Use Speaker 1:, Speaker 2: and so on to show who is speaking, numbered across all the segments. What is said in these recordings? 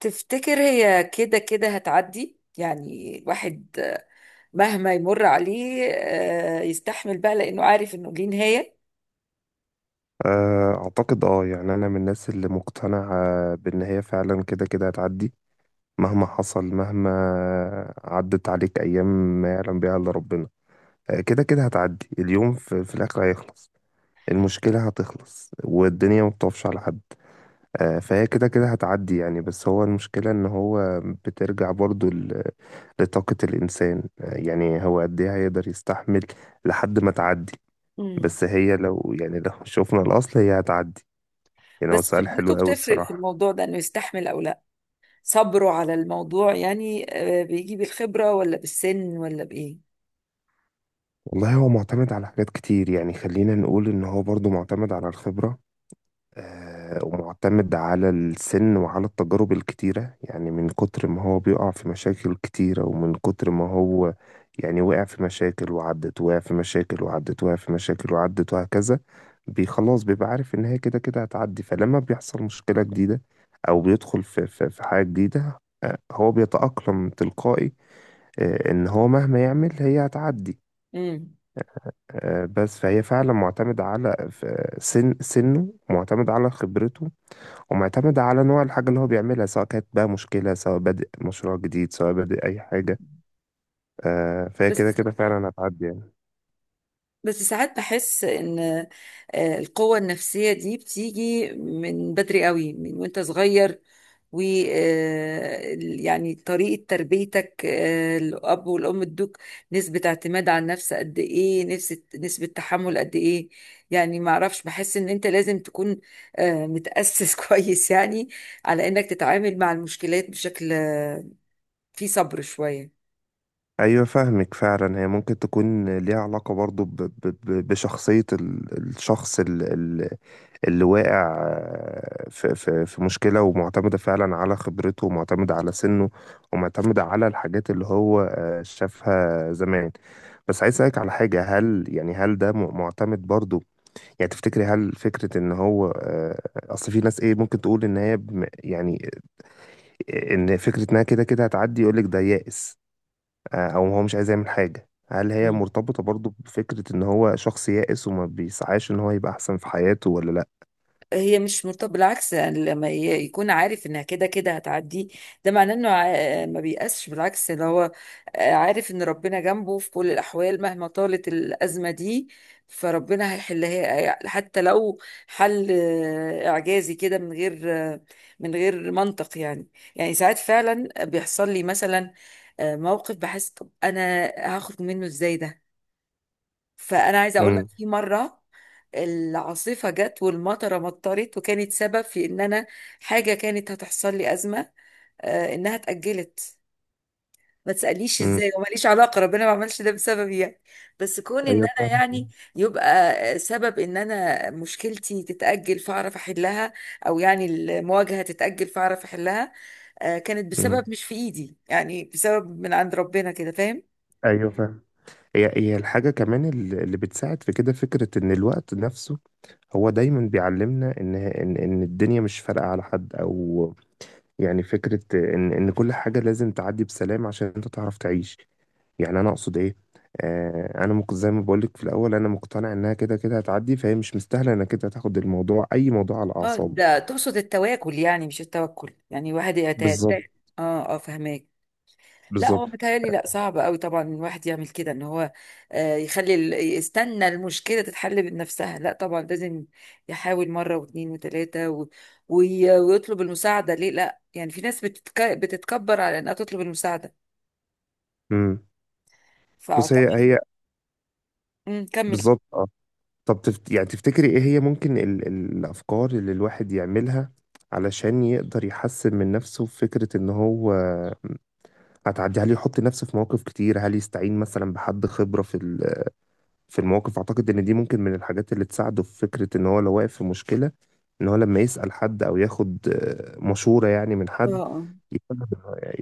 Speaker 1: تفتكر هي كده كده هتعدي، يعني الواحد مهما يمر عليه يستحمل بقى لأنه عارف إنه ليه نهاية؟
Speaker 2: آه، أعتقد يعني أنا من الناس اللي مقتنعة بإن هي فعلا كده كده هتعدي، مهما حصل، مهما عدت عليك أيام ما يعلم بيها إلا ربنا. كده كده هتعدي. اليوم في الآخر هيخلص. المشكلة هتخلص والدنيا ما بتقفش على حد. فهي كده كده هتعدي يعني. بس هو المشكلة إن هو بترجع برضو لطاقة الإنسان. يعني هو قد إيه هيقدر يستحمل لحد ما تعدي.
Speaker 1: امم
Speaker 2: بس هي لو يعني لو شوفنا الأصل هي هتعدي. يعني هو
Speaker 1: بس
Speaker 2: سؤال
Speaker 1: خبرته
Speaker 2: حلو قوي
Speaker 1: بتفرق في
Speaker 2: الصراحة.
Speaker 1: الموضوع ده، إنه يستحمل أو لا؟ صبره على الموضوع، يعني بيجي بالخبرة ولا بالسن ولا بإيه؟
Speaker 2: والله هو معتمد على حاجات كتير، يعني خلينا نقول ان هو برضو معتمد على الخبرة، ومعتمد على السن وعلى التجارب الكتيرة. يعني من كتر ما هو بيقع في مشاكل كتيرة ومن كتر ما هو يعني وقع في مشاكل وعدت، وقع في مشاكل وعدت، وقع في مشاكل وعدت، وهكذا. خلاص بيبقى عارف ان هي كده كده هتعدي، فلما بيحصل مشكلة جديدة او بيدخل في حاجة جديدة، هو بيتأقلم تلقائي. ان هو مهما يعمل هي هتعدي.
Speaker 1: مم.
Speaker 2: بس فهي فعلا معتمدة على ف- سن سنه، معتمد على خبرته ومعتمد على نوع الحاجة اللي هو بيعملها، سواء كانت بقى مشكلة، سواء بادئ مشروع جديد، سواء بادئ أي حاجة. فهي كده
Speaker 1: بس
Speaker 2: كده فعلا هتعدي يعني.
Speaker 1: بس ساعات بحس ان القوة النفسية دي بتيجي من بدري قوي، من وانت صغير، و يعني طريقة تربيتك، الأب والأم ادوك نسبة اعتماد على النفس قد إيه، نسبة تحمل قد إيه. يعني ما أعرفش، بحس إن أنت لازم تكون متأسس كويس يعني، على إنك تتعامل مع المشكلات بشكل فيه صبر شوية.
Speaker 2: أيوة، فاهمك فعلا. هي ممكن تكون ليها علاقة برضو بشخصية الشخص اللي واقع، في مشكلة، ومعتمدة فعلا على خبرته، ومعتمدة على سنه، ومعتمدة على الحاجات اللي هو شافها زمان. بس عايز أسألك على حاجة. هل يعني هل ده معتمد برضو، يعني تفتكري هل فكرة إن هو، أصل في ناس إيه ممكن تقول إن هي يعني، إن فكرة إنها كده كده هتعدي يقولك ده يائس، أو هو مش عايز يعمل حاجة. هل هي مرتبطة برضو بفكرة إن هو شخص يائس وما بيسعاش إن هو يبقى أحسن في حياته ولا لأ؟
Speaker 1: هي مش مرتبطة، بالعكس، يعني لما يكون عارف انها كده كده هتعدي، ده معناه انه ما بيأسش، بالعكس ده هو عارف ان ربنا جنبه في كل الاحوال، مهما طالت الازمة دي فربنا هيحلها، حتى لو حل اعجازي كده، من غير آه، منطق يعني. يعني ساعات فعلا بيحصل لي مثلا موقف، بحس طب انا هاخد منه ازاي ده؟ فانا عايزه اقول لك، في مره العاصفه جت والمطره مطرت، وكانت سبب في ان انا، حاجه كانت هتحصل لي ازمه انها اتاجلت. ما تساليش
Speaker 2: مم.
Speaker 1: ازاي، وماليش علاقه، ربنا ما عملش ده بسببي يعني، بس كون ان
Speaker 2: ايوه
Speaker 1: انا
Speaker 2: فاهم.
Speaker 1: يعني، يبقى سبب ان انا مشكلتي تتاجل فاعرف احلها، او يعني المواجهه تتاجل فاعرف احلها كانت
Speaker 2: مم.
Speaker 1: بسبب مش في ايدي، يعني بسبب من عند ربنا كده، فاهم؟
Speaker 2: ايوه فاهم. هي الحاجه كمان اللي بتساعد في كده، فكره ان الوقت نفسه هو دايما بيعلمنا ان الدنيا مش فارقه على حد، او يعني فكره ان كل حاجه لازم تعدي بسلام عشان انت تعرف تعيش. يعني انا اقصد ايه؟ انا زي ما بقول لك في الاول، انا مقتنع انها كده كده هتعدي، فهي مش مستاهله انك كده تاخد الموضوع، اي موضوع، على
Speaker 1: اه،
Speaker 2: اعصابك.
Speaker 1: ده تقصد التواكل يعني، مش التوكل. يعني واحد يتات،
Speaker 2: بالظبط،
Speaker 1: اه. اه، فهماك. لا، هو
Speaker 2: بالظبط.
Speaker 1: متهيألي لا، صعب قوي طبعا الواحد يعمل كده، ان هو يخلي يستنى المشكلة تتحل بنفسها. لا طبعا، لازم يحاول مرة واثنين وثلاثة ويطلب المساعدة. ليه؟ لا يعني في ناس بتتكبر على انها تطلب المساعدة،
Speaker 2: امم بس هي
Speaker 1: فاعتقد...
Speaker 2: هي
Speaker 1: مم، كمل.
Speaker 2: بالظبط. طب يعني تفتكري ايه هي ممكن الافكار اللي الواحد يعملها علشان يقدر يحسن من نفسه في فكرة ان هو هتعدي؟ هل يحط نفسه في مواقف كتير؟ هل يستعين مثلا بحد خبرة في المواقف؟ اعتقد ان دي ممكن من الحاجات اللي تساعده في فكرة ان هو لو واقف في مشكلة، ان هو لما يسأل حد او ياخد مشورة يعني من حد،
Speaker 1: اه،
Speaker 2: يكون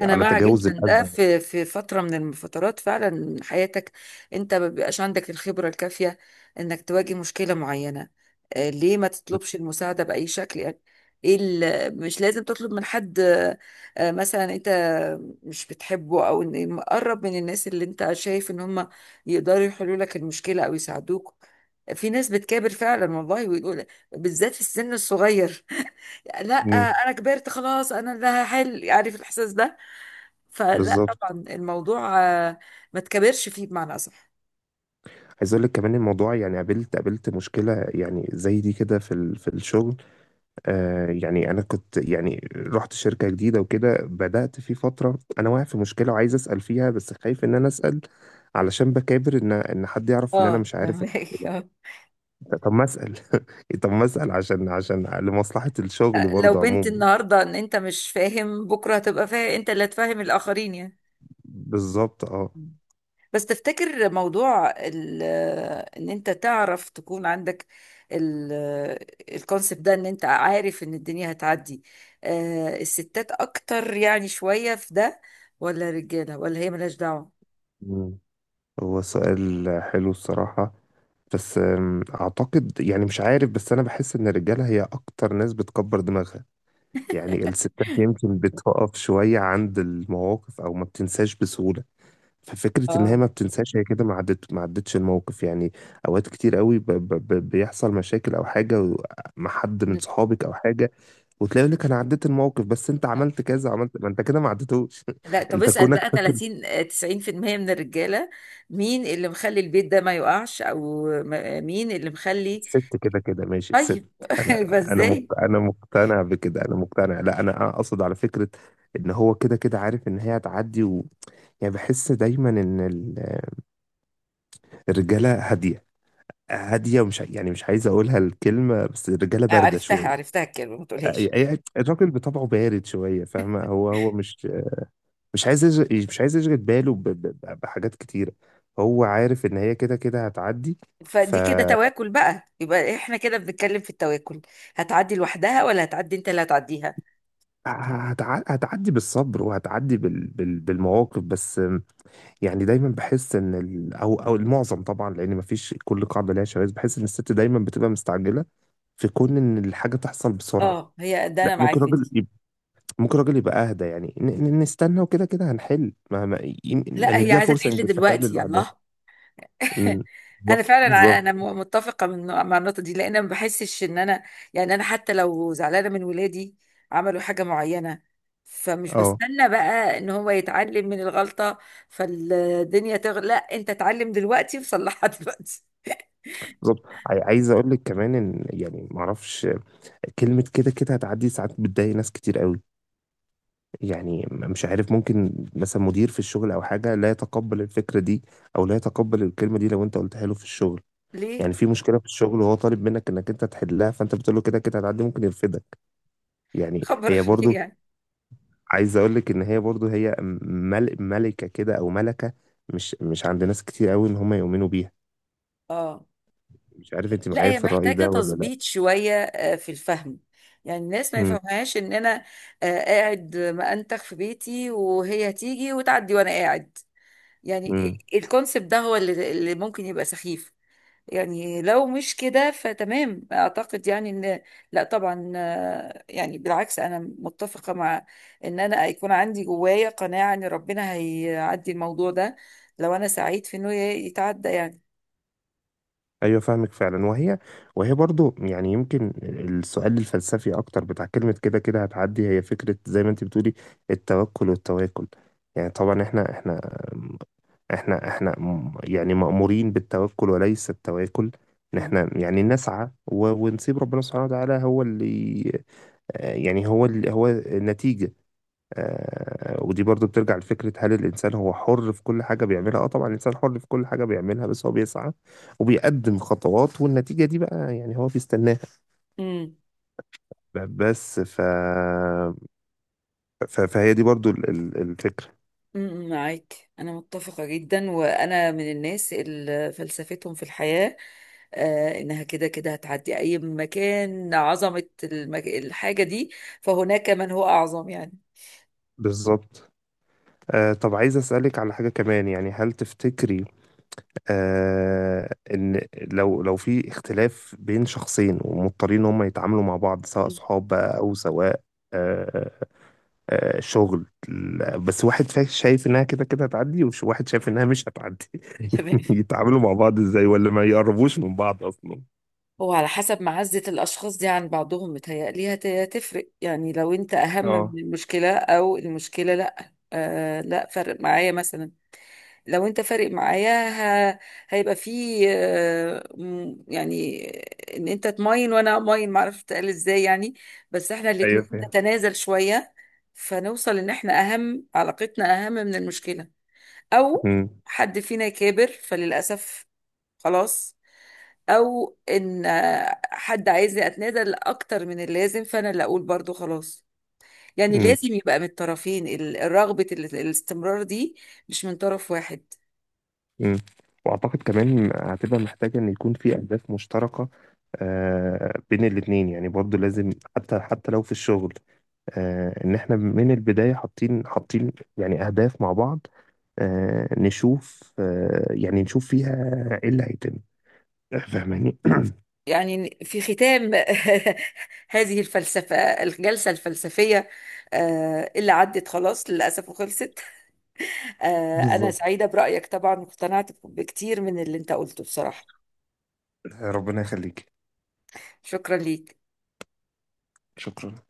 Speaker 1: انا
Speaker 2: على
Speaker 1: مع
Speaker 2: تجاوز
Speaker 1: جدا ده.
Speaker 2: الأزمة.
Speaker 1: في فتره من الفترات فعلا حياتك، انت ما بيبقاش عندك الخبره الكافيه انك تواجه مشكله معينه. ليه ما تطلبش المساعده باي شكل يعني؟ ايه مش لازم تطلب من حد مثلا انت مش بتحبه، او إن مقرب من الناس اللي انت شايف ان هم يقدروا يحلوا لك المشكله او يساعدوك. في ناس بتكابر فعلا والله، ويقول، بالذات في السن الصغير لا،
Speaker 2: مم.
Speaker 1: انا كبرت خلاص، انا اللي هحل، عارف الاحساس ده. فلا
Speaker 2: بالظبط.
Speaker 1: طبعا الموضوع ما تكبرش فيه، بمعنى أصح.
Speaker 2: عايز اقول لك كمان الموضوع، يعني قابلت مشكله يعني زي دي كده في الشغل. يعني انا كنت يعني رحت شركة جديدة وكده، بدأت في فترة انا واقع في مشكلة وعايز اسأل فيها بس خايف ان انا اسأل علشان بكابر ان حد يعرف ان انا
Speaker 1: اه،
Speaker 2: مش عارف.
Speaker 1: فهمك
Speaker 2: طب ما اسأل. طب ما اسأل، عشان لمصلحة الشغل
Speaker 1: آه. لو
Speaker 2: برضه
Speaker 1: بنت
Speaker 2: عموما.
Speaker 1: النهارده ان انت مش فاهم، بكره هتبقى فاهم، انت اللي هتفهم الاخرين يعني.
Speaker 2: بالظبط. اه.
Speaker 1: بس تفتكر موضوع ان انت تعرف تكون عندك الكونسبت ده، ان انت عارف ان الدنيا هتعدي، الستات اكتر يعني شوية في ده، ولا الرجالة، ولا هي ملهاش دعوة؟
Speaker 2: مم. هو سؤال حلو الصراحة. بس اعتقد يعني مش عارف، بس انا بحس ان الرجالة هي اكتر ناس بتكبر دماغها. يعني الستات يمكن بتقف شوية عند المواقف او ما بتنساش بسهولة. ففكرة إن هي
Speaker 1: اه،
Speaker 2: ما بتنساش، هي كده ما عدتش الموقف يعني. أوقات كتير قوي بيحصل مشاكل أو حاجة مع حد من صحابك أو حاجة، وتلاقي يقول لك أنا عديت الموقف، بس أنت عملت كذا، عملت. ما أنت كده ما عدتوش.
Speaker 1: لا طب
Speaker 2: أنت
Speaker 1: اسأل
Speaker 2: كونك
Speaker 1: بقى
Speaker 2: فاكر.
Speaker 1: 30 90% من الرجالة، مين اللي مخلي البيت ده ما يقعش، او مين اللي مخلي؟
Speaker 2: الست كده كده ماشي الست.
Speaker 1: طيب
Speaker 2: أنا
Speaker 1: يبقى
Speaker 2: أنا
Speaker 1: ازاي؟
Speaker 2: أنا مقتنع بكده، أنا مقتنع. لا، أنا أقصد على فكرة إن هو كده كده عارف إن هي هتعدي يعني بحس دايما إن الرجالة هادية، هادية، ومش يعني مش عايز أقولها الكلمة، بس الرجالة باردة
Speaker 1: عرفتها،
Speaker 2: شوية.
Speaker 1: عرفتها الكلمة، ما تقولهاش.
Speaker 2: الراجل بطبعه بارد شويه، فاهمه؟ هو مش مش عايز يشغل باله بحاجات كتيره. هو عارف ان هي كده كده هتعدي. ف
Speaker 1: فدي كده تواكل بقى، يبقى احنا كده بنتكلم في التواكل. هتعدي لوحدها، ولا هتعدي انت اللي هتعديها؟
Speaker 2: هتعدي بالصبر، وهتعدي بالمواقف. بس يعني دايما بحس ان او المعظم طبعا، لان مفيش كل قاعده ليها شواذ، بحس ان الست دايما بتبقى مستعجله في كون ان الحاجه تحصل بسرعه.
Speaker 1: اه، هي ده
Speaker 2: لا،
Speaker 1: انا
Speaker 2: ممكن
Speaker 1: معاك في
Speaker 2: راجل
Speaker 1: دي.
Speaker 2: ممكن راجل يبقى اهدى، يعني نستنى وكده كده هنحل. ما ما, ما
Speaker 1: لا، هي
Speaker 2: نديها
Speaker 1: عايزة
Speaker 2: فرصه
Speaker 1: تحل
Speaker 2: يمكن تحل
Speaker 1: دلوقتي،
Speaker 2: لوحدها.
Speaker 1: يلا.
Speaker 2: ال- بالظبط،
Speaker 1: انا فعلا
Speaker 2: بالظبط.
Speaker 1: متفقه مع النقطه دي، لان ما بحسش ان انا يعني، انا حتى لو زعلانه من ولادي، عملوا حاجه معينه، فمش
Speaker 2: اه.
Speaker 1: بستنى بقى ان هو يتعلم من الغلطه فالدنيا تغلى. لا، انت اتعلم دلوقتي وصلحها دلوقتي.
Speaker 2: بالظبط. عايز اقول لك كمان ان يعني ما اعرفش، كلمه كده كده هتعدي ساعات بتضايق ناس كتير قوي. يعني مش عارف، ممكن مثلا مدير في الشغل او حاجه لا يتقبل الفكره دي او لا يتقبل الكلمه دي لو انت قلتها له في الشغل. يعني
Speaker 1: ليه؟
Speaker 2: في مشكله في الشغل وهو طالب منك انك انت تحلها، فانت بتقول له كده كده هتعدي، ممكن يرفدك. يعني
Speaker 1: خبر
Speaker 2: هي
Speaker 1: ليه
Speaker 2: برضو،
Speaker 1: يعني؟
Speaker 2: عايز اقول لك ان هي برضو هي ملكه كده، او ملكه مش عند ناس كتير قوي ان هم يؤمنوا بيها.
Speaker 1: اه،
Speaker 2: مش عارف انت
Speaker 1: لا
Speaker 2: معايا
Speaker 1: هي
Speaker 2: في الرأي
Speaker 1: محتاجه
Speaker 2: ده ولا لا؟
Speaker 1: تظبيط شويه في الفهم. يعني الناس ما
Speaker 2: امم
Speaker 1: يفهمهاش ان انا قاعد مأنتخ في بيتي، وهي هتيجي وتعدي وانا قاعد. يعني
Speaker 2: امم
Speaker 1: الكونسبت ده هو اللي ممكن يبقى سخيف. يعني لو مش كده فتمام، اعتقد يعني ان... لا طبعا يعني بالعكس، انا متفقة مع ان انا يكون عندي جوايا قناعة ان ربنا هيعدي الموضوع ده، لو انا سعيد في انه يتعدى يعني.
Speaker 2: ايوه فاهمك فعلا. وهي برضو، يعني يمكن السؤال الفلسفي اكتر بتاع كلمه كده كده هتعدي، هي فكره زي ما انت بتقولي، التوكل والتواكل. يعني طبعا احنا يعني مأمورين بالتوكل وليس التواكل. ان احنا يعني نسعى ونسيب ربنا سبحانه وتعالى هو اللي، يعني هو اللي هو النتيجة. ودي برضو بترجع لفكرة، هل الإنسان هو حر في كل حاجة بيعملها؟ اه، طبعا الإنسان حر في كل حاجة بيعملها، بس هو بيسعى وبيقدم خطوات، والنتيجة دي بقى يعني هو بيستناها.
Speaker 1: مهم.
Speaker 2: بس فهي دي برضو الفكرة.
Speaker 1: معاك، أنا متفقة جدا، وأنا من الناس اللي فلسفتهم في الحياة إنها كده كده هتعدي أي مكان. عظمة الحاجة دي، فهناك من هو أعظم يعني.
Speaker 2: بالظبط. طب عايز أسألك على حاجة كمان، يعني هل تفتكري إن، لو في اختلاف بين شخصين ومضطرين إن هم يتعاملوا مع بعض، سواء صحاب بقى أو سواء آه، شغل،
Speaker 1: مم.
Speaker 2: بس واحد شايف انها كده كده هتعدي وواحد شايف انها مش هتعدي،
Speaker 1: تمام.
Speaker 2: يتعاملوا مع بعض ازاي؟ ولا ما يقربوش من بعض اصلا؟
Speaker 1: هو على حسب معزة الأشخاص دي عن بعضهم، متهيألي هتفرق يعني. لو أنت أهم من
Speaker 2: اه.
Speaker 1: المشكلة، أو المشكلة لأ لأ، فرق معايا مثلا. لو انت فارق معايا، ه... هيبقى فيه يعني ان انت تماين وانا اماين، معرفش تقال ازاي يعني، بس احنا
Speaker 2: ايوه
Speaker 1: الاتنين
Speaker 2: فاهم.
Speaker 1: نتنازل شوية فنوصل ان احنا اهم، علاقتنا اهم من المشكلة. او
Speaker 2: مم.
Speaker 1: حد فينا يكابر فللأسف خلاص، او ان حد عايزني اتنازل اكتر من اللازم، فانا اللي اقول برضو خلاص. يعني
Speaker 2: مم.
Speaker 1: لازم يبقى من الطرفين الرغبة الاستمرار دي، مش من طرف واحد.
Speaker 2: مم. واعتقد كمان هتبقى محتاجة ان يكون في اهداف مشتركة، بين الاتنين يعني، برضو لازم حتى لو في الشغل، ان احنا من البداية حاطين يعني اهداف مع بعض، نشوف آه، يعني نشوف فيها ايه اللي هيتم. فاهماني؟
Speaker 1: يعني في ختام هذه الفلسفة، الجلسة الفلسفية اللي عدت خلاص للأسف وخلصت. أنا
Speaker 2: بالظبط.
Speaker 1: سعيدة برأيك طبعا، واقتنعت بكتير من اللي أنت قلته بصراحة.
Speaker 2: ربنا يخليك.
Speaker 1: شكرا ليك.
Speaker 2: شكرا.